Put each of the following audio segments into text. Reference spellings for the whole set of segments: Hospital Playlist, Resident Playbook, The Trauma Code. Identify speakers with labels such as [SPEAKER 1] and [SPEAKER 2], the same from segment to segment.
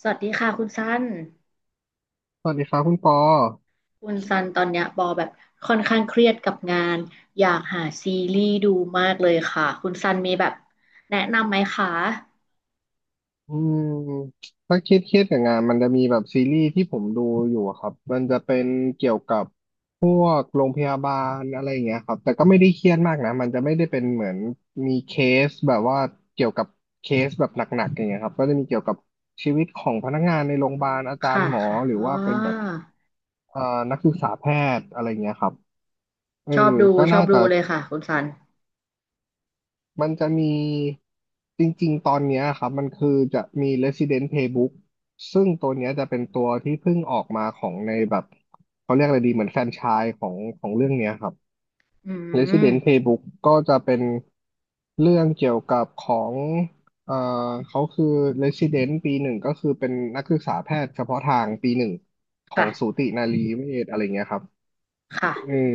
[SPEAKER 1] สวัสดีค่ะคุณซัน
[SPEAKER 2] สวัสดีครับคุณปอ
[SPEAKER 1] ตอนเนี้ยปอแบบค่อนข้างเครียดกับงานอยากหาซีรีส์ดูมากเลยค่ะคุณซันมีแบบแนะนำไหมคะ
[SPEAKER 2] อืมถ้าเครียดกับงานมันจะมีแบบซีรีส์ที่ผมดูอยู่อะครับมันจะเป็นเกี่ยวกับพวกโรงพยาบาลอะไรอย่างเงี้ยครับแต่ก็ไม่ได้เครียดมากนะมันจะไม่ได้เป็นเหมือนมีเคสแบบว่าเกี่ยวกับเคสแบบหนักๆอย่างเงี้ยครับก็จะมีเกี่ยวกับชีวิตของพนักงานในโรงพ
[SPEAKER 1] อื
[SPEAKER 2] ยาบา
[SPEAKER 1] ม
[SPEAKER 2] ลอาจาร
[SPEAKER 1] ค่ะ
[SPEAKER 2] ย์หมอ
[SPEAKER 1] ค่ะ
[SPEAKER 2] หรือ
[SPEAKER 1] อ๋อ
[SPEAKER 2] ว่าเป็นแบบเอ่อนักศึกษาแพทย์อะไรอย่างเงี้ยครับเออ
[SPEAKER 1] ชอบดู
[SPEAKER 2] ก็น่าจะ
[SPEAKER 1] เลยค่ะคุณซัน
[SPEAKER 2] มันจะมีจริงๆตอนเนี้ยครับมันคือจะมี Resident Playbook ซึ่งตัวเนี้ยจะเป็นตัวที่เพิ่งออกมาของในแบบเขาเรียกอะไรดีเหมือนแฟรนไชส์ของเรื่องเนี้ยครับ
[SPEAKER 1] อืม
[SPEAKER 2] Resident Playbook ก็จะเป็นเรื่องเกี่ยวกับของเอ่อเขาคือ Resident ปีหนึ่งก็คือเป็นนักศึกษาแพทย์เฉพาะทางปีหนึ่งขอ
[SPEAKER 1] ค่ะ
[SPEAKER 2] งสูตินารีเวชอะไรเงี้ยครับ
[SPEAKER 1] ค่ะ
[SPEAKER 2] เออ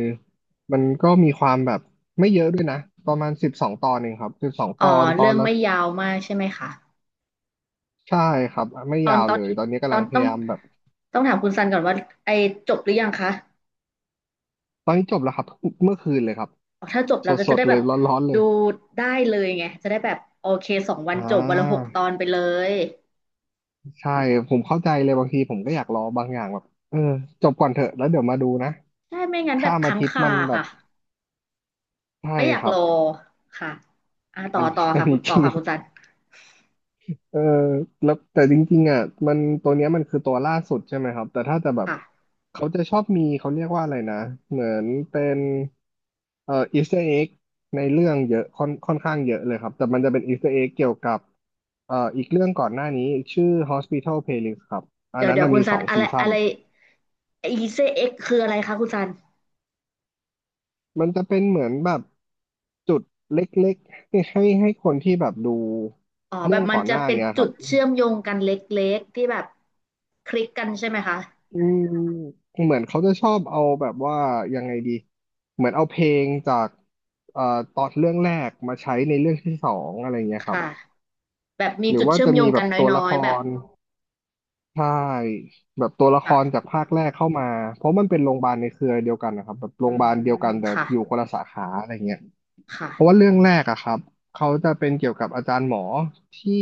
[SPEAKER 2] มันก็มีความแบบไม่เยอะด้วยนะประมาณสิบสองตอนเองครับสิบสอง
[SPEAKER 1] อ๋อ
[SPEAKER 2] ตอนต
[SPEAKER 1] เรื่
[SPEAKER 2] อน
[SPEAKER 1] อง
[SPEAKER 2] ละ
[SPEAKER 1] ไม่ยาวมากใช่ไหมคะ
[SPEAKER 2] ใช่ครับ ไม่
[SPEAKER 1] ตอ
[SPEAKER 2] ยา
[SPEAKER 1] น
[SPEAKER 2] ว
[SPEAKER 1] ตอ
[SPEAKER 2] เล
[SPEAKER 1] น
[SPEAKER 2] ย
[SPEAKER 1] นี้
[SPEAKER 2] ตอนนี้
[SPEAKER 1] ต
[SPEAKER 2] กำ
[SPEAKER 1] อ
[SPEAKER 2] ลั
[SPEAKER 1] น
[SPEAKER 2] งพ
[SPEAKER 1] ต้อง
[SPEAKER 2] ยายามแบบ
[SPEAKER 1] ต้องถามคุณซันก่อนว่าไอจบหรือยังคะ
[SPEAKER 2] ตอนนี้จบแล้วครับเมื่อคืนเลยครับ
[SPEAKER 1] ถ้าจบเราก็
[SPEAKER 2] ส
[SPEAKER 1] จะ
[SPEAKER 2] ด
[SPEAKER 1] ได้
[SPEAKER 2] ๆเล
[SPEAKER 1] แบ
[SPEAKER 2] ย
[SPEAKER 1] บ
[SPEAKER 2] ร้อนๆเล
[SPEAKER 1] ดู
[SPEAKER 2] ย
[SPEAKER 1] ได้เลยไงจะได้แบบโอเคสองวัน
[SPEAKER 2] อ่
[SPEAKER 1] จบวันละหกตอ
[SPEAKER 2] า
[SPEAKER 1] นไปเลย
[SPEAKER 2] ใช่ผมเข้าใจเลยบางทีผมก็อยากรอบางอย่างแบบเออจบก่อนเถอะแล้วเดี๋ยวมาดูนะ
[SPEAKER 1] ใช่ไม่งั้นแบ
[SPEAKER 2] ข้า
[SPEAKER 1] บ
[SPEAKER 2] มอา
[SPEAKER 1] ค้าง
[SPEAKER 2] ทิตย์
[SPEAKER 1] คา
[SPEAKER 2] มันแบบ
[SPEAKER 1] ค่ะ
[SPEAKER 2] ใช่
[SPEAKER 1] ไม่อยาก
[SPEAKER 2] ครั
[SPEAKER 1] ร
[SPEAKER 2] บ
[SPEAKER 1] อค่ะอ่ะต่อ
[SPEAKER 2] อันนี้
[SPEAKER 1] ต่อ
[SPEAKER 2] อัน
[SPEAKER 1] ค่ะคุ
[SPEAKER 2] นี้
[SPEAKER 1] ณ
[SPEAKER 2] จ
[SPEAKER 1] ต่อ
[SPEAKER 2] ริง
[SPEAKER 1] ค่ะคุณซัน
[SPEAKER 2] เออแล้วแต่จริงๆอ่ะมันตัวเนี้ยมันคือตัวล่าสุดใช่ไหมครับแต่ถ้าจะแบบ
[SPEAKER 1] ค่ะ
[SPEAKER 2] เขาจะชอบมีเขาเรียกว่าอะไรนะเหมือนเป็นอีสเตอร์เอ็กในเรื่องเยอะค่อนข้างเยอะเลยครับแต่มันจะเป็นอีสเตอร์เอ็กเกี่ยวกับอีกเรื่องก่อนหน้านี้ชื่อ Hospital Playlist ครับอัน
[SPEAKER 1] เดี๋ยว
[SPEAKER 2] นั้น
[SPEAKER 1] เดี๋ยว
[SPEAKER 2] น่ะ
[SPEAKER 1] คุ
[SPEAKER 2] มี
[SPEAKER 1] ณซั
[SPEAKER 2] สอ
[SPEAKER 1] น
[SPEAKER 2] ง
[SPEAKER 1] อะไร
[SPEAKER 2] ซีซั่
[SPEAKER 1] อะ
[SPEAKER 2] น
[SPEAKER 1] ไรอีเซเอ็กคืออะไรคะคุณซัน
[SPEAKER 2] มันจะเป็นเหมือนแบบจุดเล็กๆให้คนที่แบบดู
[SPEAKER 1] อ๋อแบ
[SPEAKER 2] เรื่อ
[SPEAKER 1] บ
[SPEAKER 2] ง
[SPEAKER 1] มั
[SPEAKER 2] ก่
[SPEAKER 1] น
[SPEAKER 2] อนห
[SPEAKER 1] จะ
[SPEAKER 2] น้า
[SPEAKER 1] เป็น
[SPEAKER 2] เนี้ยค
[SPEAKER 1] จุ
[SPEAKER 2] รับ
[SPEAKER 1] ดเชื่อมโยงกันเล็กๆที่แบบคลิกกันใช่ไหมคะ
[SPEAKER 2] อืมเหมือนเขาจะชอบเอาแบบว่ายังไงดีเหมือนเอาเพลงจากเอ่อตอนเรื่องแรกมาใช้ในเรื่องที่สองอะไรเงี้ยครับ
[SPEAKER 1] ค่ะแบบมี
[SPEAKER 2] หรือ
[SPEAKER 1] จุด
[SPEAKER 2] ว่า
[SPEAKER 1] เชื่อ
[SPEAKER 2] จะ
[SPEAKER 1] มโย
[SPEAKER 2] มี
[SPEAKER 1] ง
[SPEAKER 2] แบ
[SPEAKER 1] กัน
[SPEAKER 2] บตัว
[SPEAKER 1] น้
[SPEAKER 2] ละ
[SPEAKER 1] อ
[SPEAKER 2] ค
[SPEAKER 1] ยๆแบบ
[SPEAKER 2] รใช่แบบตัวละครจาก
[SPEAKER 1] ค่ะ
[SPEAKER 2] ภาคแรกเข้ามาเพราะมันเป็นโรงพยาบาลในเครือเดียวกันนะครับแบบโร
[SPEAKER 1] อื
[SPEAKER 2] งพยาบาลเดียวกั
[SPEAKER 1] ม
[SPEAKER 2] นแต่
[SPEAKER 1] ค่ะ
[SPEAKER 2] อยู่คนละสาขาอะไรเงี้ย
[SPEAKER 1] ค่ะ
[SPEAKER 2] เพราะว่าเรื่องแรกอะครับ เขาจะเป็นเกี่ยวกับอาจารย์หมอที่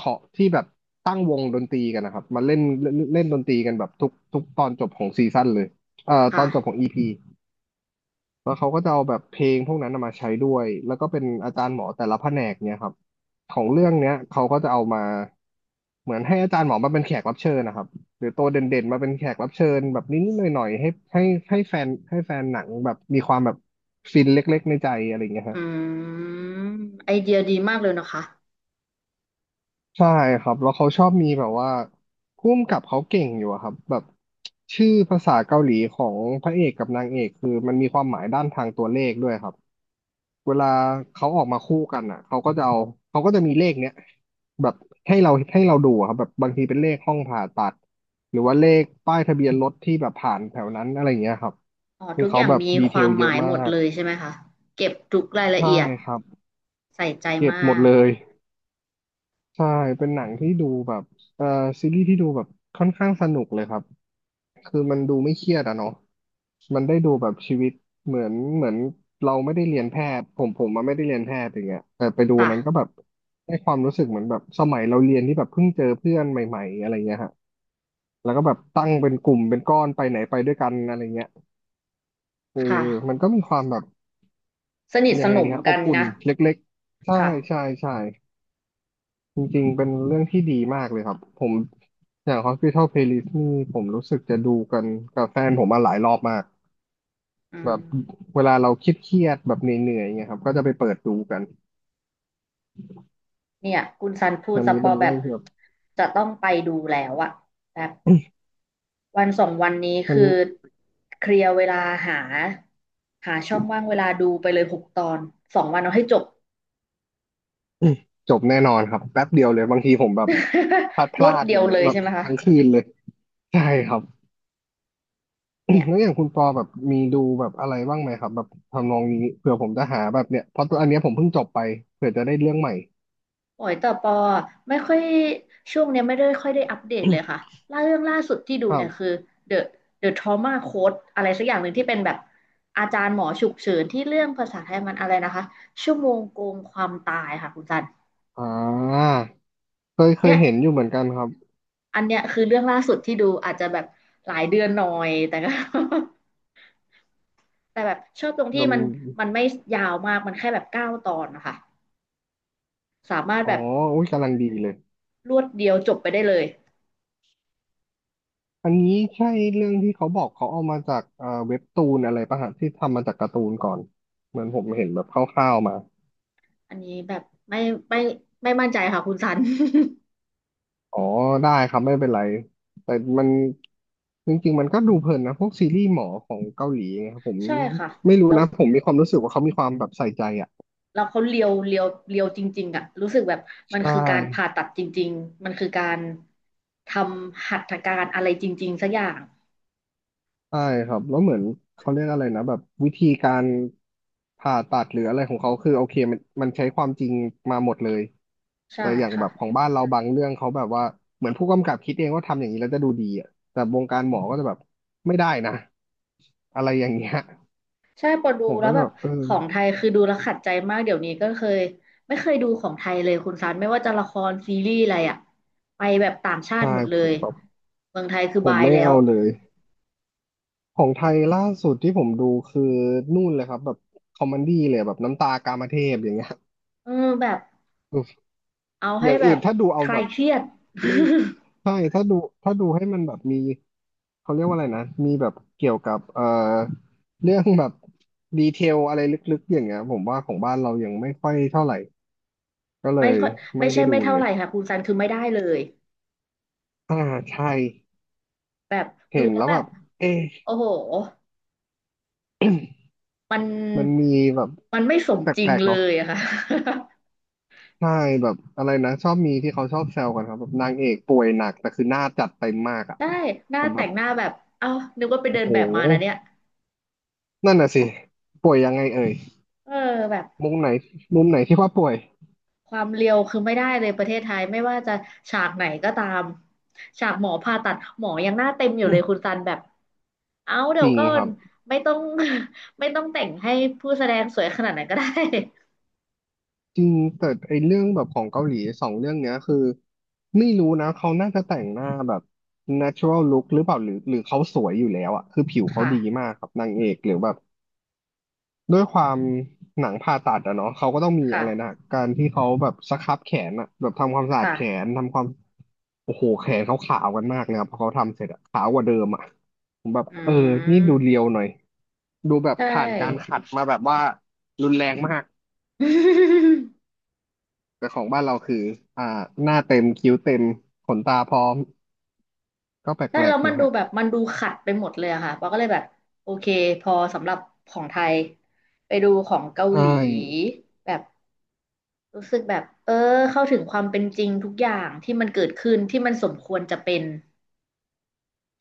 [SPEAKER 2] ขอที่แบบตั้งวงดนตรีกันนะครับ มาเล่นเล่นเล่นดนตรีกันแบบทุกตอนจบของซีซั่นเลยต
[SPEAKER 1] ค่ะ
[SPEAKER 2] อนจบของอีพีแล้วเขาก็จะเอาแบบเพลงพวกนั้นน่ะมาใช้ด้วย แล้วก็เป็นอาจารย์หมอแต่ละแผนกเนี่ยครับของเรื่องเนี้ยเขาก็จะเอามาเหมือนให้อาจารย์หมอมาเป็นแขกรับเชิญนะครับหรือตัวเด่นๆมาเป็นแขกรับเชิญแบบนิดๆหน่อยๆให้ให้แฟนหนังแบบมีความแบบฟินเล็กๆในใจอะไรอย่างเงี้ยค
[SPEAKER 1] อื
[SPEAKER 2] รับ
[SPEAKER 1] มไอเดียดีมากเลยนะคะ
[SPEAKER 2] ใช่ครับแล้วเขาชอบมีแบบว่าผู้กำกับเขาเก่งอยู่อะครับแบบชื่อภาษาเกาหลีของพระเอกกับนางเอกคือมันมีความหมายด้านทางตัวเลขด้วยครับเวลาเขาออกมาคู่กันอ่ะเขาก็จะเอาเขาก็จะมีเลขเนี้ยแบบให้เราดูอะครับแบบบางทีเป็นเลขห้องผ่าตัดหรือว่าเลขป้ายทะเบียนรถที่แบบผ่านแถวนั้นอะไรอย่างเงี้ยครับ
[SPEAKER 1] อ๋อ
[SPEAKER 2] คือ
[SPEAKER 1] ทุกอ
[SPEAKER 2] เขา
[SPEAKER 1] ย่าง
[SPEAKER 2] แบบ
[SPEAKER 1] มี
[SPEAKER 2] ดี
[SPEAKER 1] ค
[SPEAKER 2] เท
[SPEAKER 1] วา
[SPEAKER 2] ล
[SPEAKER 1] ม
[SPEAKER 2] เย
[SPEAKER 1] ห
[SPEAKER 2] อะ
[SPEAKER 1] มาย
[SPEAKER 2] มา
[SPEAKER 1] หมด
[SPEAKER 2] ก
[SPEAKER 1] เลยใช่ไหมคะเก็บทุกรายละ
[SPEAKER 2] ใช่
[SPEAKER 1] เอียด
[SPEAKER 2] ครับ
[SPEAKER 1] ใส่ใจ
[SPEAKER 2] เก็บ
[SPEAKER 1] มา
[SPEAKER 2] หมด
[SPEAKER 1] ก
[SPEAKER 2] เลย ใช่เป็นหนังที่ดูแบบเอ่อซีรีส์ที่ดูแบบค่อนข้างสนุกเลยครับคือมันดูไม่เครียดอะเนาะมันได้ดูแบบชีวิตเหมือนเราไม่ได้เรียนแพทย์ผมมาไม่ได้เรียนแพทย์อย่างเงี้ยแต่ไปดูนั้นก็แบ
[SPEAKER 1] ค่ะ
[SPEAKER 2] บให้ความรู้สึกเหมือนแบบสมัยเราเรียนที่แบบเพิ่งเจอเพื่อนใหม่ๆอะไรเงี้ยฮะแล้วก็แบบตั้งเป็นกลุ่มเป็นก้อนไปไหนไปด้วยกันอะไรเงี้ยคือ
[SPEAKER 1] ค่ะ
[SPEAKER 2] มันก็มีความแบบ
[SPEAKER 1] สนิท
[SPEAKER 2] ยั
[SPEAKER 1] ส
[SPEAKER 2] งไง
[SPEAKER 1] น
[SPEAKER 2] ดี
[SPEAKER 1] ม
[SPEAKER 2] ฮะอ
[SPEAKER 1] กั
[SPEAKER 2] บ
[SPEAKER 1] น
[SPEAKER 2] อุ่น
[SPEAKER 1] นะ
[SPEAKER 2] เล็กๆใช่
[SPEAKER 1] ค่ะ
[SPEAKER 2] ใช่ใช่ จริงๆเป็นเรื่องที่ดีมากเลยครับผมอย่าง Hospital Playlist นี่ผมรู้สึกจะดูกันกับแฟนผมมาหลายรอบมาก
[SPEAKER 1] อื
[SPEAKER 2] แบ
[SPEAKER 1] ม
[SPEAKER 2] บเวลาเราคิดเครียดๆแบบเหนื่อยๆเงี้ยครับก็จะไปเปิดดูกัน
[SPEAKER 1] เนี่ยคุณซันพูด
[SPEAKER 2] อัน
[SPEAKER 1] ส
[SPEAKER 2] นี้
[SPEAKER 1] ปอ
[SPEAKER 2] เป็น
[SPEAKER 1] แบ
[SPEAKER 2] เรื่อ
[SPEAKER 1] บ
[SPEAKER 2] งที่แบบ
[SPEAKER 1] จะต้องไปดูแล้วอะแบบวันสองวันนี้
[SPEAKER 2] มัน
[SPEAKER 1] คือเคลียร์เวลาหาหาช่องว่างเวลาดูไปเลยหกตอนสองวันเอาให้จบ
[SPEAKER 2] จบแน่นอนครับแป๊บเดียวเลยบางทีผมแบบพลาดพ
[SPEAKER 1] รว
[SPEAKER 2] ลา
[SPEAKER 1] ด
[SPEAKER 2] ด
[SPEAKER 1] เดี
[SPEAKER 2] อ
[SPEAKER 1] ย
[SPEAKER 2] ย่า
[SPEAKER 1] ว
[SPEAKER 2] งเงี้
[SPEAKER 1] เล
[SPEAKER 2] ย
[SPEAKER 1] ย
[SPEAKER 2] แบบ
[SPEAKER 1] ใช่ไหมคะ
[SPEAKER 2] ทั้งคืนเลยใช่ครับ
[SPEAKER 1] เนี่ย
[SPEAKER 2] แล้วอย่างคุณปอแบบมีดูแบบอะไรบ้างไหมครับแบบทำนองนี้เผื่อผมจะหาแบบเนี้ยเพราะตัวอันเนี้ยผมเพิ่งจบไปเผื่อจะได้เรื่องใหม่
[SPEAKER 1] โอ้ยแต่ปอไม่ค่อยช่วงเนี้ยไม่ได้ค่อยได้อัปเดตเลยค่ะล่าเรื่องล่าสุดที่ดู
[SPEAKER 2] ครั
[SPEAKER 1] เนี่ยคื
[SPEAKER 2] บ
[SPEAKER 1] อ The The Trauma Code อะไรสักอย่างหนึ่งที่เป็นแบบอาจารย์หมอฉุกเฉินที่เรื่องภาษาไทยมันอะไรนะคะชั่วโมงโกงความตายค่ะคุณจัน
[SPEAKER 2] อ่า เคยเค
[SPEAKER 1] เนี่
[SPEAKER 2] ย
[SPEAKER 1] ย
[SPEAKER 2] เห็นอยู่เหมือนกันครับ
[SPEAKER 1] อันเนี้ยคือเรื่องล่าสุดที่ดูอาจจะแบบหลายเดือนหน่อยแต่ก็ แต่แบบชอบตรงที่
[SPEAKER 2] ลำ
[SPEAKER 1] มันมันไม่ยาวมากมันแค่แบบ9 ตอนนะคะสามารถ
[SPEAKER 2] อ๋อ
[SPEAKER 1] แบบ
[SPEAKER 2] อุ้ยกำลังดีเลย
[SPEAKER 1] รวดเดียวจบไปได้เลย
[SPEAKER 2] อันนี้ใช่เรื่องที่เขาบอกเขาเอามาจากเว็บตูนอะไรปะฮะที่ทำมาจากการ์ตูนก่อน เหมือนผมเห็นแบบคร่าวๆมา
[SPEAKER 1] อันนี้แบบไม่ไม่ไม่มั่นใจค่ะคุณซัน
[SPEAKER 2] อ๋อ ได้ครับไม่เป็นไร แต่มันจริงๆมันดูเพลินนะพวกซีรีส์หมอของเกาหลีไงครับผม
[SPEAKER 1] ใช่ค่ะ
[SPEAKER 2] ไม่รู้
[SPEAKER 1] แล้ว
[SPEAKER 2] นะผมมีความรู้สึกว่าเขามีความแบบใส่ใจอ่ะ
[SPEAKER 1] เราเขาเลียวจริงๆอะรู้สึกแบบมัน
[SPEAKER 2] ใช่
[SPEAKER 1] คือการผ่าตัดจริงๆมันคือการทำหัตถการอะไรจริงๆสักอย่าง
[SPEAKER 2] ใช่ครับแล้วเหมือนเขาเรียกอะไรนะแบบวิธีการผ่าตัดหรืออะไรของเขาคือโอเคมันใช้ความจริงมาหมดเลย
[SPEAKER 1] ใช่
[SPEAKER 2] แต่อย่าง
[SPEAKER 1] ค่ะ
[SPEAKER 2] แบบของบ้านเราบางเรื่องเขาแบบว่าเหมือนผู้กำกับคิดเองว่าทำอย่างนี้แล้วจะดูดีอ่ะแต่วงการหมอก็จะแบบไม่ได้นะอะไรอย่างเงี้ย
[SPEAKER 1] ใช่พอดู
[SPEAKER 2] ผม
[SPEAKER 1] แล้
[SPEAKER 2] ก็
[SPEAKER 1] ว
[SPEAKER 2] จะ
[SPEAKER 1] แบ
[SPEAKER 2] แบ
[SPEAKER 1] บ
[SPEAKER 2] บเออ
[SPEAKER 1] ของไทยคือดูแล้วขัดใจมากเดี๋ยวนี้ก็เคยไม่เคยดูของไทยเลยคุณซันไม่ว่าจะละครซีรีส์อะไรอะไปแบบต่างชา
[SPEAKER 2] ใช่
[SPEAKER 1] ติหมดเล
[SPEAKER 2] ผ
[SPEAKER 1] ย
[SPEAKER 2] มแบบ
[SPEAKER 1] เมืองไทยคือ
[SPEAKER 2] ผ
[SPEAKER 1] บา
[SPEAKER 2] ม
[SPEAKER 1] ย
[SPEAKER 2] ไม่
[SPEAKER 1] แล้ว
[SPEAKER 2] เอาเลยของไทยล่าสุดที่ผมดูคือนู่นเลยครับแบบคอมเมดี้เลยแบบน้ำตากามเทพอย่างเงี้ย
[SPEAKER 1] เออแบบเอา
[SPEAKER 2] อ
[SPEAKER 1] ให้
[SPEAKER 2] ย่าง
[SPEAKER 1] แบ
[SPEAKER 2] อื่น
[SPEAKER 1] บ
[SPEAKER 2] ถ้าดูเอา
[SPEAKER 1] คลา
[SPEAKER 2] แบ
[SPEAKER 1] ย
[SPEAKER 2] บ
[SPEAKER 1] เครียด
[SPEAKER 2] ไม่ ใช่ถ้าดูถ้าดูให้มันแบบมีเขาเรียกว่าอะไรนะมีแบบเกี่ยวกับเรื่องแบบดีเทลอะไรลึกๆอย่างเงี้ยผมว่าของบ้านเรายังไม่ค่อยเท่าไหร่ก็เล
[SPEAKER 1] ไม่
[SPEAKER 2] ย
[SPEAKER 1] ค่อยไม่
[SPEAKER 2] ไม่
[SPEAKER 1] ใช่
[SPEAKER 2] ได้
[SPEAKER 1] ไม่
[SPEAKER 2] ดูเล
[SPEAKER 1] เท่าไห
[SPEAKER 2] ย
[SPEAKER 1] ร่ค่ะคุณซันคือไม่ได้เลย
[SPEAKER 2] อ่าใช่
[SPEAKER 1] แบบดู
[SPEAKER 2] เห็น
[SPEAKER 1] แล้ว
[SPEAKER 2] แล้ว
[SPEAKER 1] แบ
[SPEAKER 2] แบ
[SPEAKER 1] บ
[SPEAKER 2] บเอ๊ะ
[SPEAKER 1] โอ้โหมัน
[SPEAKER 2] มันมีแบบ
[SPEAKER 1] มันไม่สม
[SPEAKER 2] แป
[SPEAKER 1] จริง
[SPEAKER 2] ลกๆ
[SPEAKER 1] เล
[SPEAKER 2] เนาะ
[SPEAKER 1] ยอะค่ะ
[SPEAKER 2] ใช่แบบอะไรนะชอบมีที่เขาชอบแซวกันครับแบบนางเอกป่วยหนักแต่คือหน้าจัดเต็มมาก อ่ะ
[SPEAKER 1] ได้หน้า
[SPEAKER 2] ผมแบ
[SPEAKER 1] แต่
[SPEAKER 2] บ
[SPEAKER 1] งหน้าแบบเอ้านึกว่าไป
[SPEAKER 2] โอ้
[SPEAKER 1] เดิน
[SPEAKER 2] โห
[SPEAKER 1] แบบมานะเนี่ย
[SPEAKER 2] นั่นน่ะสิป่วยยังไงเอ่ย
[SPEAKER 1] เออแบบ
[SPEAKER 2] มุมไหนมุมไหนที่ว่าป่วย
[SPEAKER 1] ความเรียวคือไม่ได้เลยประเทศไทยไม่ว่าจะฉากไหนก็ตามฉากหมอผ่าตัดหมอยังหน้าเต็มอยู่เลยคุณซันแบบเอ้า เดี๋
[SPEAKER 2] จ
[SPEAKER 1] ยว
[SPEAKER 2] ริง
[SPEAKER 1] ก่อ
[SPEAKER 2] ค
[SPEAKER 1] น
[SPEAKER 2] รับ
[SPEAKER 1] ไม่ต้อง ไม่ต้องแต่งให้ผู้แสดงสวยขนาดนั้นก็ได้
[SPEAKER 2] จริงแต่ไอเรื่องแบบของเกาหลีสองเรื่องเนี้ยคือไม่รู้นะเขาน่าจะแต่งหน้าแบบ natural look หรือเปล่าหรือเขาสวยอยู่แล้วอะคือผิว เขา
[SPEAKER 1] ค่ะ
[SPEAKER 2] ดีมากครับนางเอกหรือแบบด้วยความหนังผ่าตัดอะเนาะเขาก็ต้องมีอะไรนะ
[SPEAKER 1] ค่ะ
[SPEAKER 2] การที่เขาแบบสครับแขนอะแบบทำความสะอาดแข
[SPEAKER 1] ค่ะ
[SPEAKER 2] นทำความโอ้โหแขนเขาขาวกันมากนะครับพอเขาทำเสร็จอะขาวกว่าเดิมอะผมแบบ
[SPEAKER 1] อื
[SPEAKER 2] เออนี่ดูเรี
[SPEAKER 1] ม
[SPEAKER 2] ยวหน่อย ดูแบบ
[SPEAKER 1] ใช
[SPEAKER 2] ผ่านการ
[SPEAKER 1] ่
[SPEAKER 2] ขัดมาแบบว่ารุนแรงมาก แต่ของบ้านเราคืออ่าหน้าเต็มคิ้วเต็มขนตาพร้อมก็แป
[SPEAKER 1] ใช่
[SPEAKER 2] ล
[SPEAKER 1] แล้
[SPEAKER 2] ก
[SPEAKER 1] ว
[SPEAKER 2] ๆอ
[SPEAKER 1] มั
[SPEAKER 2] ยู่
[SPEAKER 1] นดู
[SPEAKER 2] ฮะ
[SPEAKER 1] แบบมันดูขัดไปหมดเลยอะค่ะเราก็เลยแบบโอเคพอสำหรับของไทยไปดูของเกา
[SPEAKER 2] ใช่
[SPEAKER 1] หลีแบบรู้สึกแบบเออเข้าถึงความเป็นจริงทุกอย่างที่มันเกิดขึ้นที่มันสมควรจะเป็น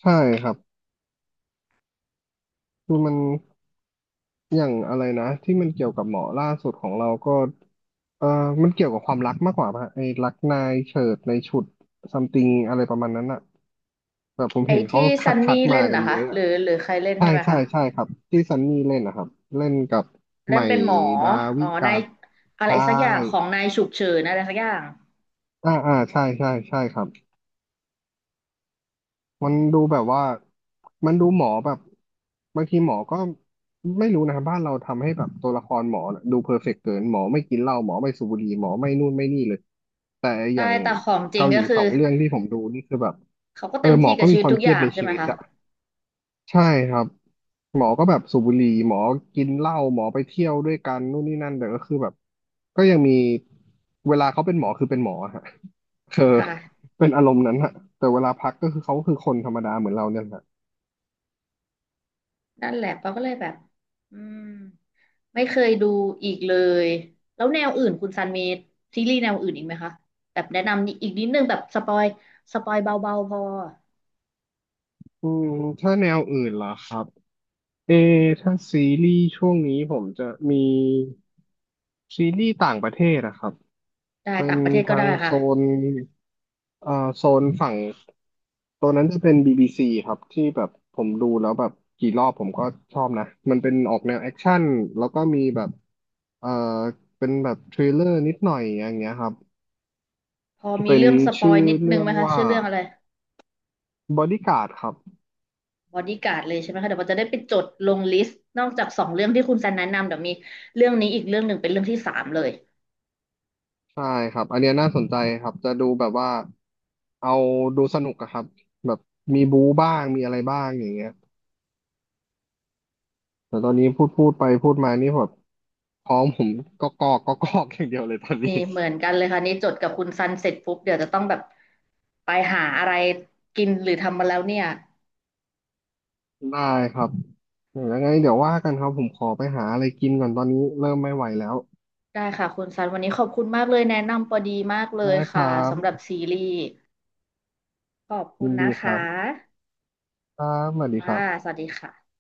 [SPEAKER 2] ใช่ครับคือมันอย่างอะไรนะที่มันเกี่ยวกับหมอล่าสุดของเราก็เออมันเกี่ยวกับความรักมากกว่าป่ะไอ้รักนายเฉิดนายฉุดซัมติงอะไรประมาณนั้นอะแบบผม
[SPEAKER 1] ไอ้
[SPEAKER 2] เห็นเขา
[SPEAKER 1] ที่
[SPEAKER 2] คั
[SPEAKER 1] ซั
[SPEAKER 2] ด
[SPEAKER 1] น
[SPEAKER 2] คัด
[SPEAKER 1] นี่เล่
[SPEAKER 2] มา
[SPEAKER 1] น
[SPEAKER 2] กัน
[SPEAKER 1] นะ
[SPEAKER 2] เย
[SPEAKER 1] คะ
[SPEAKER 2] อะ
[SPEAKER 1] หรื
[SPEAKER 2] อะ
[SPEAKER 1] อหรือใครเล่น
[SPEAKER 2] ใช่
[SPEAKER 1] ใช่ไหม
[SPEAKER 2] ใช่
[SPEAKER 1] คะ
[SPEAKER 2] ใช่ครับที่ซันนี่เล่นนะครับเล่นกับให
[SPEAKER 1] เล่
[SPEAKER 2] ม่
[SPEAKER 1] นเป็นหมอ
[SPEAKER 2] ดา
[SPEAKER 1] อ๋
[SPEAKER 2] วิ
[SPEAKER 1] อ
[SPEAKER 2] กา
[SPEAKER 1] นายอะไร
[SPEAKER 2] ใช่
[SPEAKER 1] สักอย่างของนายฉุกเฉินอะไรสักอย่าง
[SPEAKER 2] ใช่ครับมันดูแบบว่ามันดูหมอแบบบางทีหมอก็ไม่รู้นะครับบ้านเราทำให้แบบตัวละครหมอน่ะดูเพอร์เฟกต์เกินหมอไม่กินเหล้าหมอไม่สูบบุหรี่หมอไม่นู่นไม่นี่เลยแต่อ
[SPEAKER 1] ใช่
[SPEAKER 2] ย่าง
[SPEAKER 1] แต่ของจริง
[SPEAKER 2] เกาห
[SPEAKER 1] ก็
[SPEAKER 2] ลี
[SPEAKER 1] คือ
[SPEAKER 2] สองเรื่องที่ผมดูนี่คือแบบ
[SPEAKER 1] เขาก็
[SPEAKER 2] เออ
[SPEAKER 1] เต็ม
[SPEAKER 2] หม
[SPEAKER 1] ที่
[SPEAKER 2] อ
[SPEAKER 1] กั
[SPEAKER 2] ก็
[SPEAKER 1] บชี
[SPEAKER 2] มี
[SPEAKER 1] วิต
[SPEAKER 2] ความ
[SPEAKER 1] ทุก
[SPEAKER 2] เค
[SPEAKER 1] อ
[SPEAKER 2] รียด
[SPEAKER 1] ย่าง
[SPEAKER 2] ใน
[SPEAKER 1] ใช่
[SPEAKER 2] ชี
[SPEAKER 1] ไหม
[SPEAKER 2] วิต
[SPEAKER 1] คะ
[SPEAKER 2] อะ ใช่ครับหมอก็แบบสูบบุหรี่หมอกินเหล้าหมอไปเที่ยวด้วยกันนู่นนี่นั่นแต่ก็คือแบบก็ยังมีเวลาเขาเป็นหมอคือเป็นหมอฮะคือ
[SPEAKER 1] ค่ะ
[SPEAKER 2] เป็นอารมณ์นั้นฮะแต่เวลาพักก็คือเขาคือคนธรรมดาเหมือนเราเนี่ยฮะ
[SPEAKER 1] นั่นแหละเราก็เลยแบบอืม ไม่เคยดูอีกเลย แล้วแนวอื่นคุณซันมีซีรีส์แนวอื่นอีกไหมคะแบบแนะนำอีกนิดนึงแบบสปอยสปอยเบาๆพอ
[SPEAKER 2] อืมถ้าแนวอื่นเหรอครับเอถ้าซีรีส์ช่วงนี้ผมจะมีซีรีส์ต่างประเทศอะครับ
[SPEAKER 1] ได้
[SPEAKER 2] เป็
[SPEAKER 1] ต่า
[SPEAKER 2] น
[SPEAKER 1] งประเทศก็
[SPEAKER 2] ทา
[SPEAKER 1] ได้
[SPEAKER 2] งโซ
[SPEAKER 1] ค่ะ
[SPEAKER 2] นเอ่อโซนฝั่งตัวนั้นจะเป็น BBC ครับที่แบบผมดูแล้วแบบกี่รอบผมก็ชอบนะมันเป็นออกแนวแอคชั่นแล้วก็มีแบบเอ่อเป็นแบบทริลเลอร์นิดหน่อยอย่างเงี้ยครับ
[SPEAKER 1] พอมี
[SPEAKER 2] เป็น
[SPEAKER 1] เรื่องสปอย
[SPEAKER 2] ชื่อ
[SPEAKER 1] นิดนึ
[SPEAKER 2] เรื่
[SPEAKER 1] ง
[SPEAKER 2] อ
[SPEAKER 1] ไห
[SPEAKER 2] ง
[SPEAKER 1] มคะ
[SPEAKER 2] ว่า
[SPEAKER 1] ชื่อเรื่องอะไร
[SPEAKER 2] บอดี้การ์ดครับ
[SPEAKER 1] บอดี้การ์ดเลยใช่ไหมคะเดี๋ยวเราจะได้ไปจดลงลิสต์นอกจาก2 เรื่องที่คุณซันแนะนำเดี๋ยวมีเรื่องนี้อีกเรื่องหนึ่งเป็นเรื่องที่สามเลย
[SPEAKER 2] ใช่ครับอันเนี้ยน่าสนใจครับจะดูแบบว่าเอาดูสนุกอะครับแบบมีบู๊บ้างมีอะไรบ้างอย่างเงี้ยแต่ตอนนี้พูดไปพูดมานี่แบบ พร้อมผมก็กอกอย่างเดียวเลยตอนนี้
[SPEAKER 1] นี่เหมือนกันเลยค่ะนี่จดกับคุณซันเสร็จปุ๊บเดี๋ยวจะต้องแบบไปหาอะไรกินหรือทำมาแล้วเนี่ย
[SPEAKER 2] ได้ครับยังไงเดี๋ยวว่ากันครับผมขอไปหาอะไรกินก่อนตอนนี้เริ่มไม่ไหวแล้ว
[SPEAKER 1] ได้ค่ะคุณซันวันนี้ขอบคุณมากเลยแนะนำพอดีมากเลย
[SPEAKER 2] ได้ค
[SPEAKER 1] ค่ะ
[SPEAKER 2] รับ
[SPEAKER 1] สำหรับซีรีส์ขอบคุ
[SPEAKER 2] ยิ
[SPEAKER 1] ณ
[SPEAKER 2] น
[SPEAKER 1] นะ
[SPEAKER 2] ดีค
[SPEAKER 1] คะ
[SPEAKER 2] รับครับสวัสดีค
[SPEAKER 1] ค่ะ
[SPEAKER 2] รั
[SPEAKER 1] ส
[SPEAKER 2] บ
[SPEAKER 1] วัสดีค่ะ